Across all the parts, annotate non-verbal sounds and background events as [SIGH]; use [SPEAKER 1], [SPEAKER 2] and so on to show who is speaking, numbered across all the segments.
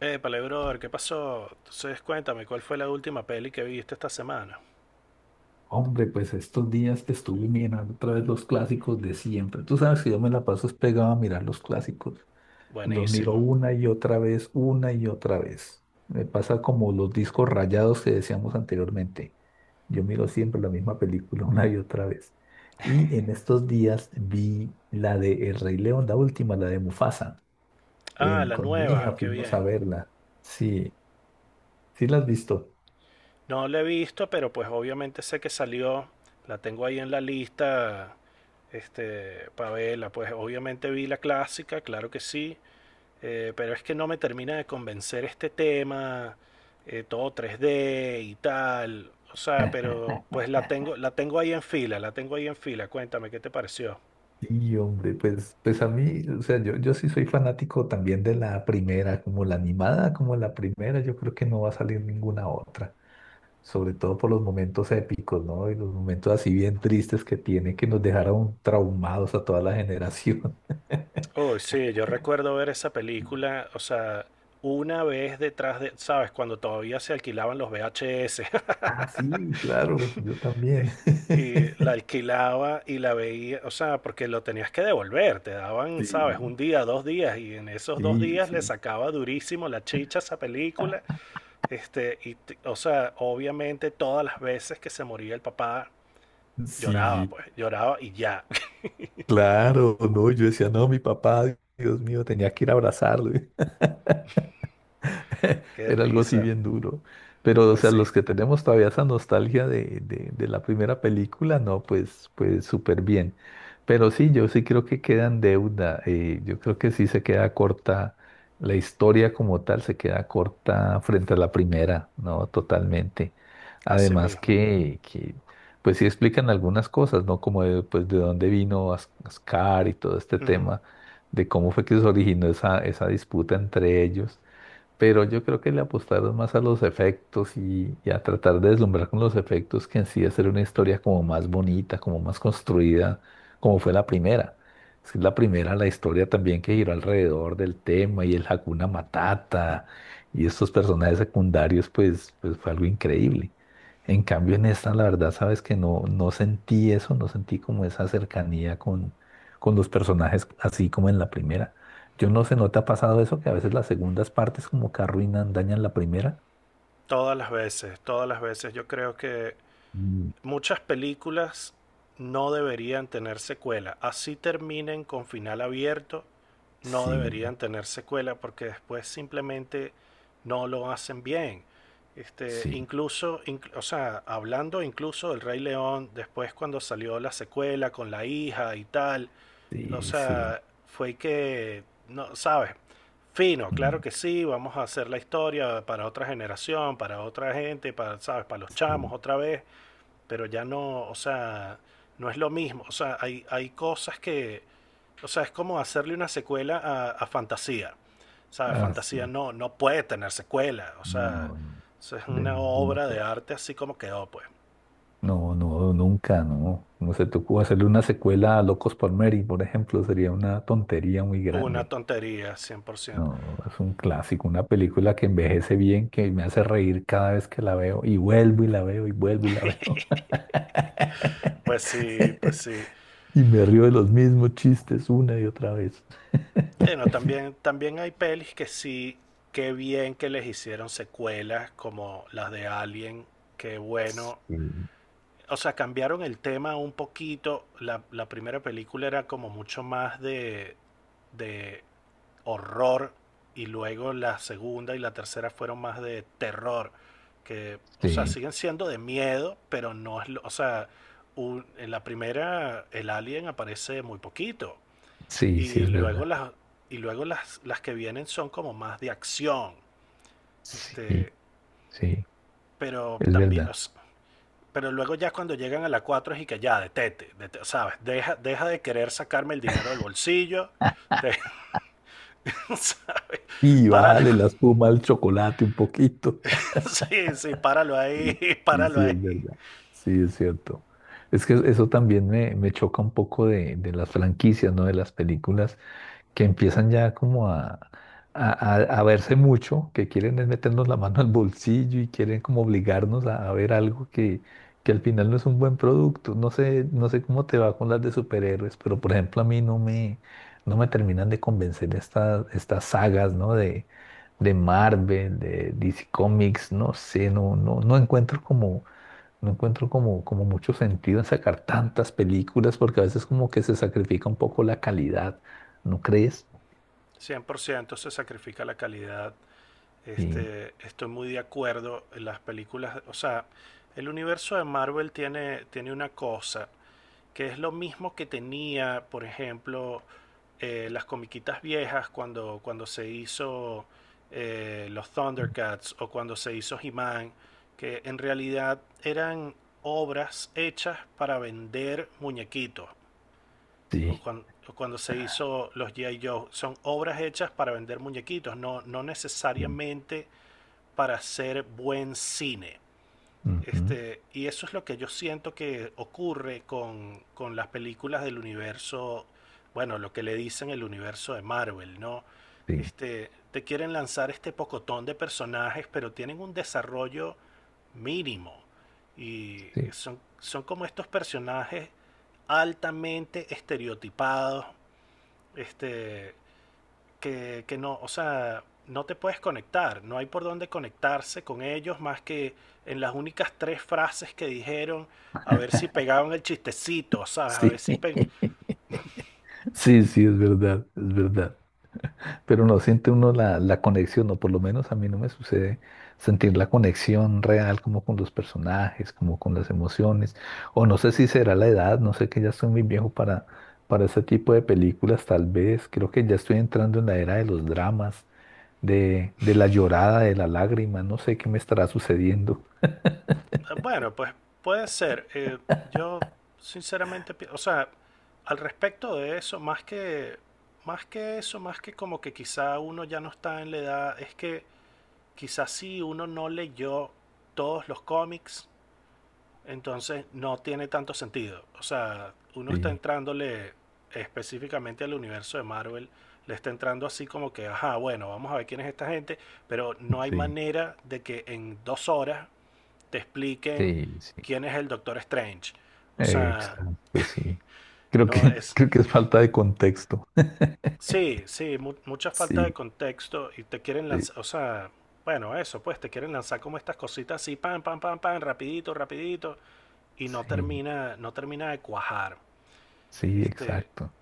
[SPEAKER 1] Pale brother, ¿qué pasó? Entonces cuéntame, ¿cuál fue la última peli que viste esta semana?
[SPEAKER 2] Hombre, pues estos días que estuve mirando otra vez los clásicos de siempre. Tú sabes que yo me la paso es pegado a mirar los clásicos. Los miro
[SPEAKER 1] Buenísimo.
[SPEAKER 2] una y otra vez, una y otra vez. Me pasa como los discos rayados que decíamos anteriormente. Yo miro siempre la misma película [LAUGHS] una y otra vez. Y en estos días vi la de El Rey León, la última, la de Mufasa.
[SPEAKER 1] Ah, la
[SPEAKER 2] Con mi hija
[SPEAKER 1] nueva, qué
[SPEAKER 2] fuimos a
[SPEAKER 1] bien.
[SPEAKER 2] verla. Sí, sí la has visto.
[SPEAKER 1] No la he visto, pero pues obviamente sé que salió. La tengo ahí en la lista, para verla. Pues obviamente vi la clásica, claro que sí. Pero es que no me termina de convencer este tema, todo 3D y tal. O sea,
[SPEAKER 2] [LAUGHS]
[SPEAKER 1] pero pues la tengo ahí en fila, la tengo ahí en fila. Cuéntame, ¿qué te pareció?
[SPEAKER 2] Sí, hombre, pues a mí, o sea, yo sí soy fanático también de la primera, como la animada, como la primera, yo creo que no va a salir ninguna otra, sobre todo por los momentos épicos, ¿no? Y los momentos así bien tristes que tiene, que nos dejaron traumados a toda la generación. [LAUGHS]
[SPEAKER 1] Oh, sí, yo recuerdo ver esa película, o sea, una vez detrás de, ¿sabes? Cuando todavía se alquilaban los VHS. [LAUGHS]
[SPEAKER 2] Ah, sí, claro, yo también.
[SPEAKER 1] Es- Y la alquilaba y la veía, o sea, porque lo tenías que devolver, te
[SPEAKER 2] [LAUGHS]
[SPEAKER 1] daban,
[SPEAKER 2] Sí,
[SPEAKER 1] ¿sabes? Un día, dos días, y en esos dos
[SPEAKER 2] sí,
[SPEAKER 1] días le
[SPEAKER 2] sí.
[SPEAKER 1] sacaba durísimo la chicha a esa película. O sea, obviamente todas las veces que se moría el papá, lloraba,
[SPEAKER 2] Sí,
[SPEAKER 1] pues, lloraba y ya. [LAUGHS]
[SPEAKER 2] claro, no, yo decía, no, mi papá, Dios mío, tenía que ir a abrazarlo. [LAUGHS] [LAUGHS]
[SPEAKER 1] Qué
[SPEAKER 2] Era algo así
[SPEAKER 1] risa.
[SPEAKER 2] bien duro. Pero, o
[SPEAKER 1] Pues
[SPEAKER 2] sea,
[SPEAKER 1] sí,
[SPEAKER 2] los que tenemos todavía esa nostalgia de la primera película, no, pues, pues súper bien. Pero sí, yo sí creo que queda en deuda. Yo creo que sí se queda corta. La historia como tal se queda corta frente a la primera, ¿no? Totalmente.
[SPEAKER 1] así
[SPEAKER 2] Además
[SPEAKER 1] mismo.
[SPEAKER 2] que, que pues sí explican algunas cosas, ¿no? Como de, pues, de dónde vino Ascar y todo este
[SPEAKER 1] Ujú.
[SPEAKER 2] tema, de cómo fue que se originó esa disputa entre ellos, pero yo creo que le apostaron más a los efectos y a tratar de deslumbrar con los efectos que en sí hacer una historia como más bonita, como más construida, como fue la primera. Es que la primera, la historia también que giró alrededor del tema y el Hakuna Matata y estos personajes secundarios, pues, pues fue algo increíble. En cambio, en esta, la verdad, sabes que no, no sentí eso, no sentí como esa cercanía con los personajes así como en la primera. Yo no sé, ¿no te ha pasado eso? Que a veces las segundas partes como que arruinan, dañan la primera.
[SPEAKER 1] Todas las veces, todas las veces. Yo creo que
[SPEAKER 2] Mm.
[SPEAKER 1] muchas películas no deberían tener secuela. Así terminen con final abierto, no
[SPEAKER 2] Sí,
[SPEAKER 1] deberían tener secuela porque después simplemente no lo hacen bien.
[SPEAKER 2] sí.
[SPEAKER 1] O sea, hablando incluso del Rey León, después cuando salió la secuela con la hija y tal, o
[SPEAKER 2] Sí, sí.
[SPEAKER 1] sea, fue que, no, ¿sabes? Fino, claro
[SPEAKER 2] Mm,
[SPEAKER 1] que sí, vamos a hacer la historia para otra generación, para otra gente, para, ¿sabes? Para los chamos
[SPEAKER 2] sí.
[SPEAKER 1] otra vez, pero ya no, o sea, no es lo mismo, o sea, hay cosas que, o sea, es como hacerle una secuela a Fantasía, ¿sabes?
[SPEAKER 2] Ah,
[SPEAKER 1] Fantasía
[SPEAKER 2] sí.
[SPEAKER 1] no, no puede tener secuela, o sea,
[SPEAKER 2] No, no.
[SPEAKER 1] eso es
[SPEAKER 2] De
[SPEAKER 1] una
[SPEAKER 2] ninguna
[SPEAKER 1] obra de
[SPEAKER 2] forma.
[SPEAKER 1] arte así como quedó, pues.
[SPEAKER 2] No, no, nunca, no. No se te ocurre hacerle una secuela a Locos por Mary, por ejemplo, sería una tontería muy
[SPEAKER 1] Una
[SPEAKER 2] grande.
[SPEAKER 1] tontería, 100%.
[SPEAKER 2] No, es un clásico, una película que envejece bien, que me hace reír cada vez que la veo, y vuelvo y la veo, y vuelvo y la veo. [LAUGHS]
[SPEAKER 1] Pues sí, pues
[SPEAKER 2] [LAUGHS]
[SPEAKER 1] sí.
[SPEAKER 2] Y me río de los mismos chistes una y otra vez.
[SPEAKER 1] Bueno, también, también hay pelis que sí, qué bien que les hicieron secuelas como las de Alien, qué
[SPEAKER 2] Sí,
[SPEAKER 1] bueno. O sea, cambiaron el tema un poquito. La primera película era como mucho más de horror y luego la segunda y la tercera fueron más de terror. Que, o sea,
[SPEAKER 2] sí,
[SPEAKER 1] siguen siendo de miedo, pero no es. O sea, en la primera el alien aparece muy poquito.
[SPEAKER 2] sí, sí,
[SPEAKER 1] Y
[SPEAKER 2] es
[SPEAKER 1] luego
[SPEAKER 2] verdad.
[SPEAKER 1] las, y luego las que vienen son como más de acción.
[SPEAKER 2] Sí,
[SPEAKER 1] Este,
[SPEAKER 2] sí,
[SPEAKER 1] pero
[SPEAKER 2] es
[SPEAKER 1] también,
[SPEAKER 2] verdad.
[SPEAKER 1] pero luego ya cuando llegan a la 4 es y que ya, ¿sabes? Deja, deja de querer sacarme el dinero del bolsillo, [LAUGHS] de- ¿sabes?
[SPEAKER 2] Y
[SPEAKER 1] Páralo,
[SPEAKER 2] bájale la espuma al chocolate un poquito.
[SPEAKER 1] [LAUGHS] sí, sí, páralo ahí,
[SPEAKER 2] Sí,
[SPEAKER 1] [LAUGHS]
[SPEAKER 2] sí,
[SPEAKER 1] páralo
[SPEAKER 2] sí, es
[SPEAKER 1] ahí.
[SPEAKER 2] verdad. Sí, es cierto. Es que eso también me choca un poco de las franquicias, ¿no? De las películas, que empiezan ya como a, a- a verse mucho, que quieren es meternos la mano al bolsillo y quieren como obligarnos a ver algo que al final no es un buen producto. No sé, no sé cómo te va con las de superhéroes, pero por ejemplo a mí no me terminan de convencer estas sagas, ¿no? De Marvel, de DC Comics, no sé, no, no, no encuentro como... No encuentro como, como mucho sentido en sacar tantas películas porque a veces como que se sacrifica un poco la calidad, ¿no crees?
[SPEAKER 1] 100% se sacrifica la calidad.
[SPEAKER 2] Sí,
[SPEAKER 1] Estoy muy de acuerdo en las películas, o sea, el universo de Marvel tiene, tiene una cosa que es lo mismo que tenía, por ejemplo, las comiquitas viejas cuando, cuando se hizo los Thundercats o cuando se hizo He-Man, que en realidad eran obras hechas para vender muñequitos.
[SPEAKER 2] sí,
[SPEAKER 1] O cuando se hizo los G.I. Joe, son obras hechas para vender muñequitos, no, no
[SPEAKER 2] sí,
[SPEAKER 1] necesariamente para hacer buen cine.
[SPEAKER 2] ujú,
[SPEAKER 1] Y eso es lo que yo siento que ocurre con las películas del universo, bueno, lo que le dicen el universo de Marvel, ¿no?
[SPEAKER 2] sí,
[SPEAKER 1] Te quieren lanzar este pocotón de personajes, pero tienen un desarrollo mínimo. Y
[SPEAKER 2] sí,
[SPEAKER 1] son, son como estos personajes altamente estereotipados, este, que no, o sea, no te puedes conectar, no hay por dónde conectarse con ellos más que en las únicas tres frases que dijeron, a ver si pegaban el chistecito, ¿sabes? A ver
[SPEAKER 2] sí,
[SPEAKER 1] si... pe-
[SPEAKER 2] [LAUGHS] sí, sí, es verdad, es verdad. Pero no siente uno la, la conexión, o por lo menos a mí no me sucede sentir la conexión real como con los personajes, como con las emociones, o no sé si será la edad, no sé que ya estoy muy viejo para ese tipo de películas, tal vez, creo que ya estoy entrando en la era de los dramas, de la llorada, de la lágrima, no sé qué me estará sucediendo.
[SPEAKER 1] Bueno, pues puede ser. Yo sinceramente, o sea, al respecto de eso, más que eso, más que como que quizá uno ya no está en la edad, es que quizá sí uno no leyó todos los cómics. Entonces no tiene tanto sentido. O sea, uno está
[SPEAKER 2] Sí,
[SPEAKER 1] entrándole específicamente al universo de Marvel, le está entrando así como que, ajá, bueno, vamos a ver quién es esta gente, pero no hay
[SPEAKER 2] sí,
[SPEAKER 1] manera de que en 2 horas te expliquen
[SPEAKER 2] sí, sí.
[SPEAKER 1] quién es el Doctor Strange. O sea,
[SPEAKER 2] Exacto, sí. Creo
[SPEAKER 1] no
[SPEAKER 2] que, [LAUGHS]
[SPEAKER 1] es...
[SPEAKER 2] creo que es falta de contexto.
[SPEAKER 1] Sí, sí, mucha falta de
[SPEAKER 2] Sí,
[SPEAKER 1] contexto y te quieren
[SPEAKER 2] sí,
[SPEAKER 1] lanzar, o sea, bueno, eso, pues te quieren lanzar como estas cositas así, pam, pam, pam, pam, rapidito, rapidito, y no
[SPEAKER 2] sí,
[SPEAKER 1] termina, no termina de cuajar.
[SPEAKER 2] sí,
[SPEAKER 1] Este,
[SPEAKER 2] exacto.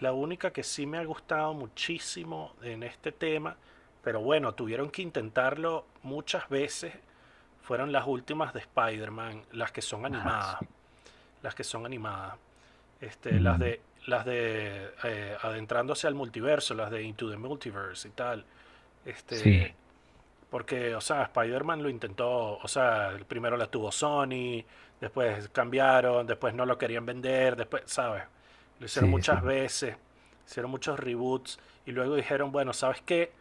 [SPEAKER 1] la única que sí me ha gustado muchísimo en este tema, pero bueno, tuvieron que intentarlo muchas veces, fueron las últimas de Spider-Man, las que son
[SPEAKER 2] Ah,
[SPEAKER 1] animadas,
[SPEAKER 2] sí.
[SPEAKER 1] las que son animadas. Este, las
[SPEAKER 2] Mm,
[SPEAKER 1] de las de adentrándose al multiverso, las de Into the Multiverse y tal. Este,
[SPEAKER 2] sí,
[SPEAKER 1] Porque, o sea, Spider-Man lo intentó, o sea, primero la tuvo Sony, después cambiaron, después no lo querían vender, después, ¿sabes? Lo hicieron
[SPEAKER 2] sí,
[SPEAKER 1] muchas
[SPEAKER 2] sí,
[SPEAKER 1] veces, hicieron muchos reboots y luego dijeron, bueno, ¿sabes qué?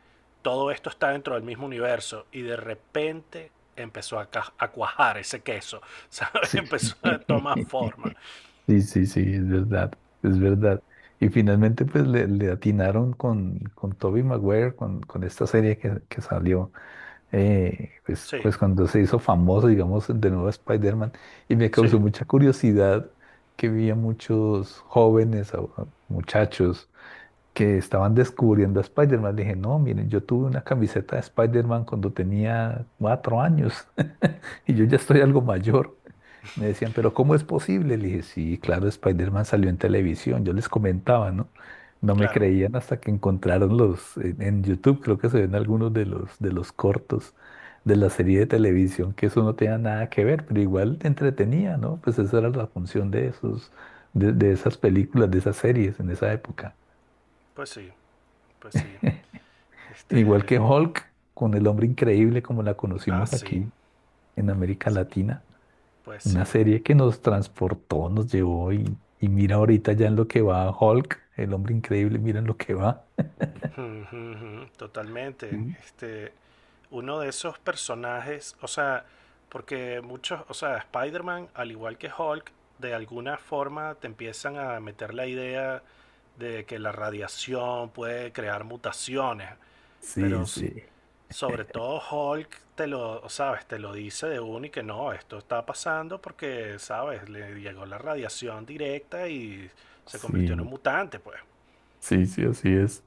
[SPEAKER 1] Todo esto está dentro del mismo universo y de repente empezó a cuajar ese queso, [LAUGHS] ¿sabes?
[SPEAKER 2] sí.
[SPEAKER 1] Empezó a tomar
[SPEAKER 2] [LAUGHS]
[SPEAKER 1] forma.
[SPEAKER 2] Sí, sí, sí, es verdad, es verdad. Y finalmente, pues le atinaron con Tobey Maguire, con esta serie que salió, pues,
[SPEAKER 1] Sí,
[SPEAKER 2] pues cuando se hizo famoso, digamos, de nuevo Spider-Man. Y me causó
[SPEAKER 1] sí,
[SPEAKER 2] mucha curiosidad que vi a muchos jóvenes, a muchachos que estaban descubriendo a Spider-Man. Le dije, no, miren, yo tuve una camiseta de Spider-Man cuando tenía cuatro años [LAUGHS] y yo ya estoy algo mayor. Me decían, pero ¿cómo es posible? Le dije, sí, claro, Spider-Man salió en televisión. Yo les comentaba, ¿no? No me
[SPEAKER 1] claro,
[SPEAKER 2] creían hasta que encontraron en YouTube creo que se ven algunos de los cortos de la serie de televisión, que eso no tenía nada que ver, pero igual te entretenía, ¿no? Pues esa era la función de esos, de esas películas, de esas series en esa época.
[SPEAKER 1] pues sí, pues sí.
[SPEAKER 2] Igual
[SPEAKER 1] Este,
[SPEAKER 2] que Hulk, con el hombre increíble como la
[SPEAKER 1] ah,
[SPEAKER 2] conocimos
[SPEAKER 1] sí,
[SPEAKER 2] aquí en América Latina,
[SPEAKER 1] pues
[SPEAKER 2] una
[SPEAKER 1] sí.
[SPEAKER 2] serie que nos transportó, nos llevó y mira ahorita ya en lo que va Hulk, el hombre increíble, mira en lo que va.
[SPEAKER 1] Ujú. Totalmente.
[SPEAKER 2] Sí,
[SPEAKER 1] Uno de esos personajes, o sea, porque muchos, o sea, Spider-Man, al igual que Hulk, de alguna forma te empiezan a meter la idea de que la radiación puede crear mutaciones,
[SPEAKER 2] sí,
[SPEAKER 1] pero
[SPEAKER 2] sí,
[SPEAKER 1] sobre todo Hulk te lo, sabes, te lo dice de uno y que no, esto está pasando porque, sabes, le llegó la radiación directa y se convirtió en un
[SPEAKER 2] sí,
[SPEAKER 1] mutante, pues.
[SPEAKER 2] sí, sí, así es,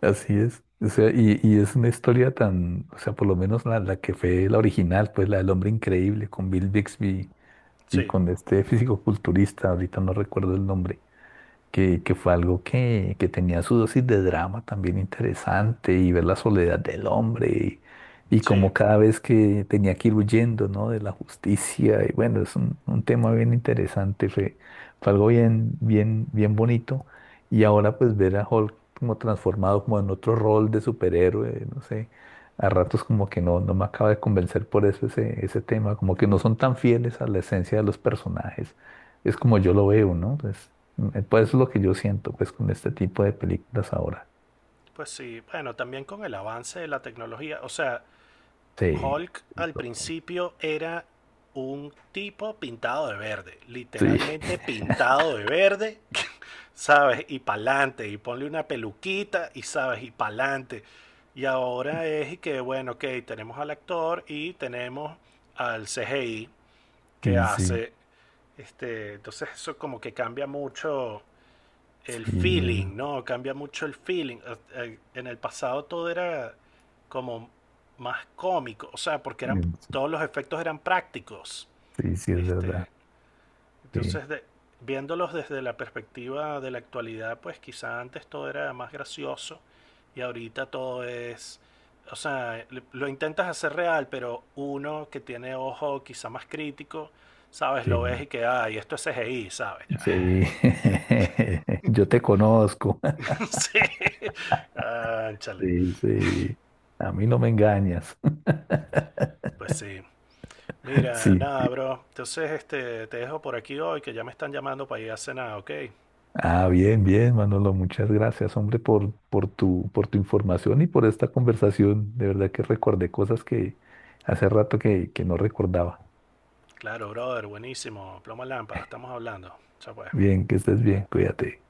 [SPEAKER 2] así es. O sea, y es una historia tan, o sea, por lo menos la, la que fue la original, pues la del hombre increíble con Bill Bixby y
[SPEAKER 1] Sí,
[SPEAKER 2] con este físico-culturista, ahorita no recuerdo el nombre, que fue algo que tenía su dosis de drama también interesante y ver la soledad del hombre y
[SPEAKER 1] sí.
[SPEAKER 2] como cada vez que tenía que ir huyendo, ¿no? De la justicia y bueno, es un tema bien interesante, fue, fue algo bien, bien, bien bonito y ahora pues ver a Hulk como transformado como en otro rol de superhéroe, no sé. A ratos como que no, no me acaba de convencer por eso ese, ese tema, como que no son tan fieles a la esencia de los personajes. Es como yo lo veo, ¿no? Pues, mm, pues es lo que yo siento, pues, con este tipo de películas ahora.
[SPEAKER 1] Pues sí, bueno, también con el avance de la tecnología. O sea,
[SPEAKER 2] Sí,
[SPEAKER 1] Hulk
[SPEAKER 2] sí,
[SPEAKER 1] al
[SPEAKER 2] total.
[SPEAKER 1] principio era un tipo pintado de verde,
[SPEAKER 2] Sí,
[SPEAKER 1] literalmente
[SPEAKER 2] [LAUGHS]
[SPEAKER 1] pintado de verde, [LAUGHS] ¿sabes? Y pa'lante, y ponle una peluquita, y sabes, y pa'lante. Y ahora es y que, bueno, ok, tenemos al actor y tenemos al CGI que
[SPEAKER 2] sí, sí,
[SPEAKER 1] hace, entonces eso como que cambia mucho el
[SPEAKER 2] sí, es-
[SPEAKER 1] feeling, ¿no? Cambia mucho el feeling. En el pasado todo era como más cómico, o sea, porque eran
[SPEAKER 2] mm, sí,
[SPEAKER 1] todos los efectos eran prácticos.
[SPEAKER 2] sí, sí, es verdad.
[SPEAKER 1] Este,
[SPEAKER 2] Sí,
[SPEAKER 1] entonces de, Viéndolos desde la perspectiva de la actualidad, pues quizá antes todo era más gracioso y ahorita todo es o sea, lo intentas hacer real, pero uno que tiene ojo quizá más crítico, ¿sabes? Lo ves
[SPEAKER 2] sí,
[SPEAKER 1] y que, ay, esto es CGI, ¿sabes? Ya.
[SPEAKER 2] sí. [LAUGHS] Yo te conozco. [LAUGHS]
[SPEAKER 1] [LAUGHS] Sí, ánchale.
[SPEAKER 2] Sí, sí. A mí no me engañas. [LAUGHS]
[SPEAKER 1] Pues sí. Mira,
[SPEAKER 2] Sí,
[SPEAKER 1] nada,
[SPEAKER 2] sí.
[SPEAKER 1] bro. Entonces, te dejo por aquí hoy, que ya me están llamando para ir a cenar, ¿ok?
[SPEAKER 2] Ah, bien, bien, Manolo. Muchas gracias, hombre, por tu información y por esta conversación. De verdad que recordé cosas que hace rato que no recordaba.
[SPEAKER 1] Claro, brother, buenísimo. Ploma lámpara, estamos hablando. Chao, pues.
[SPEAKER 2] Bien, que estés bien. Cuídate.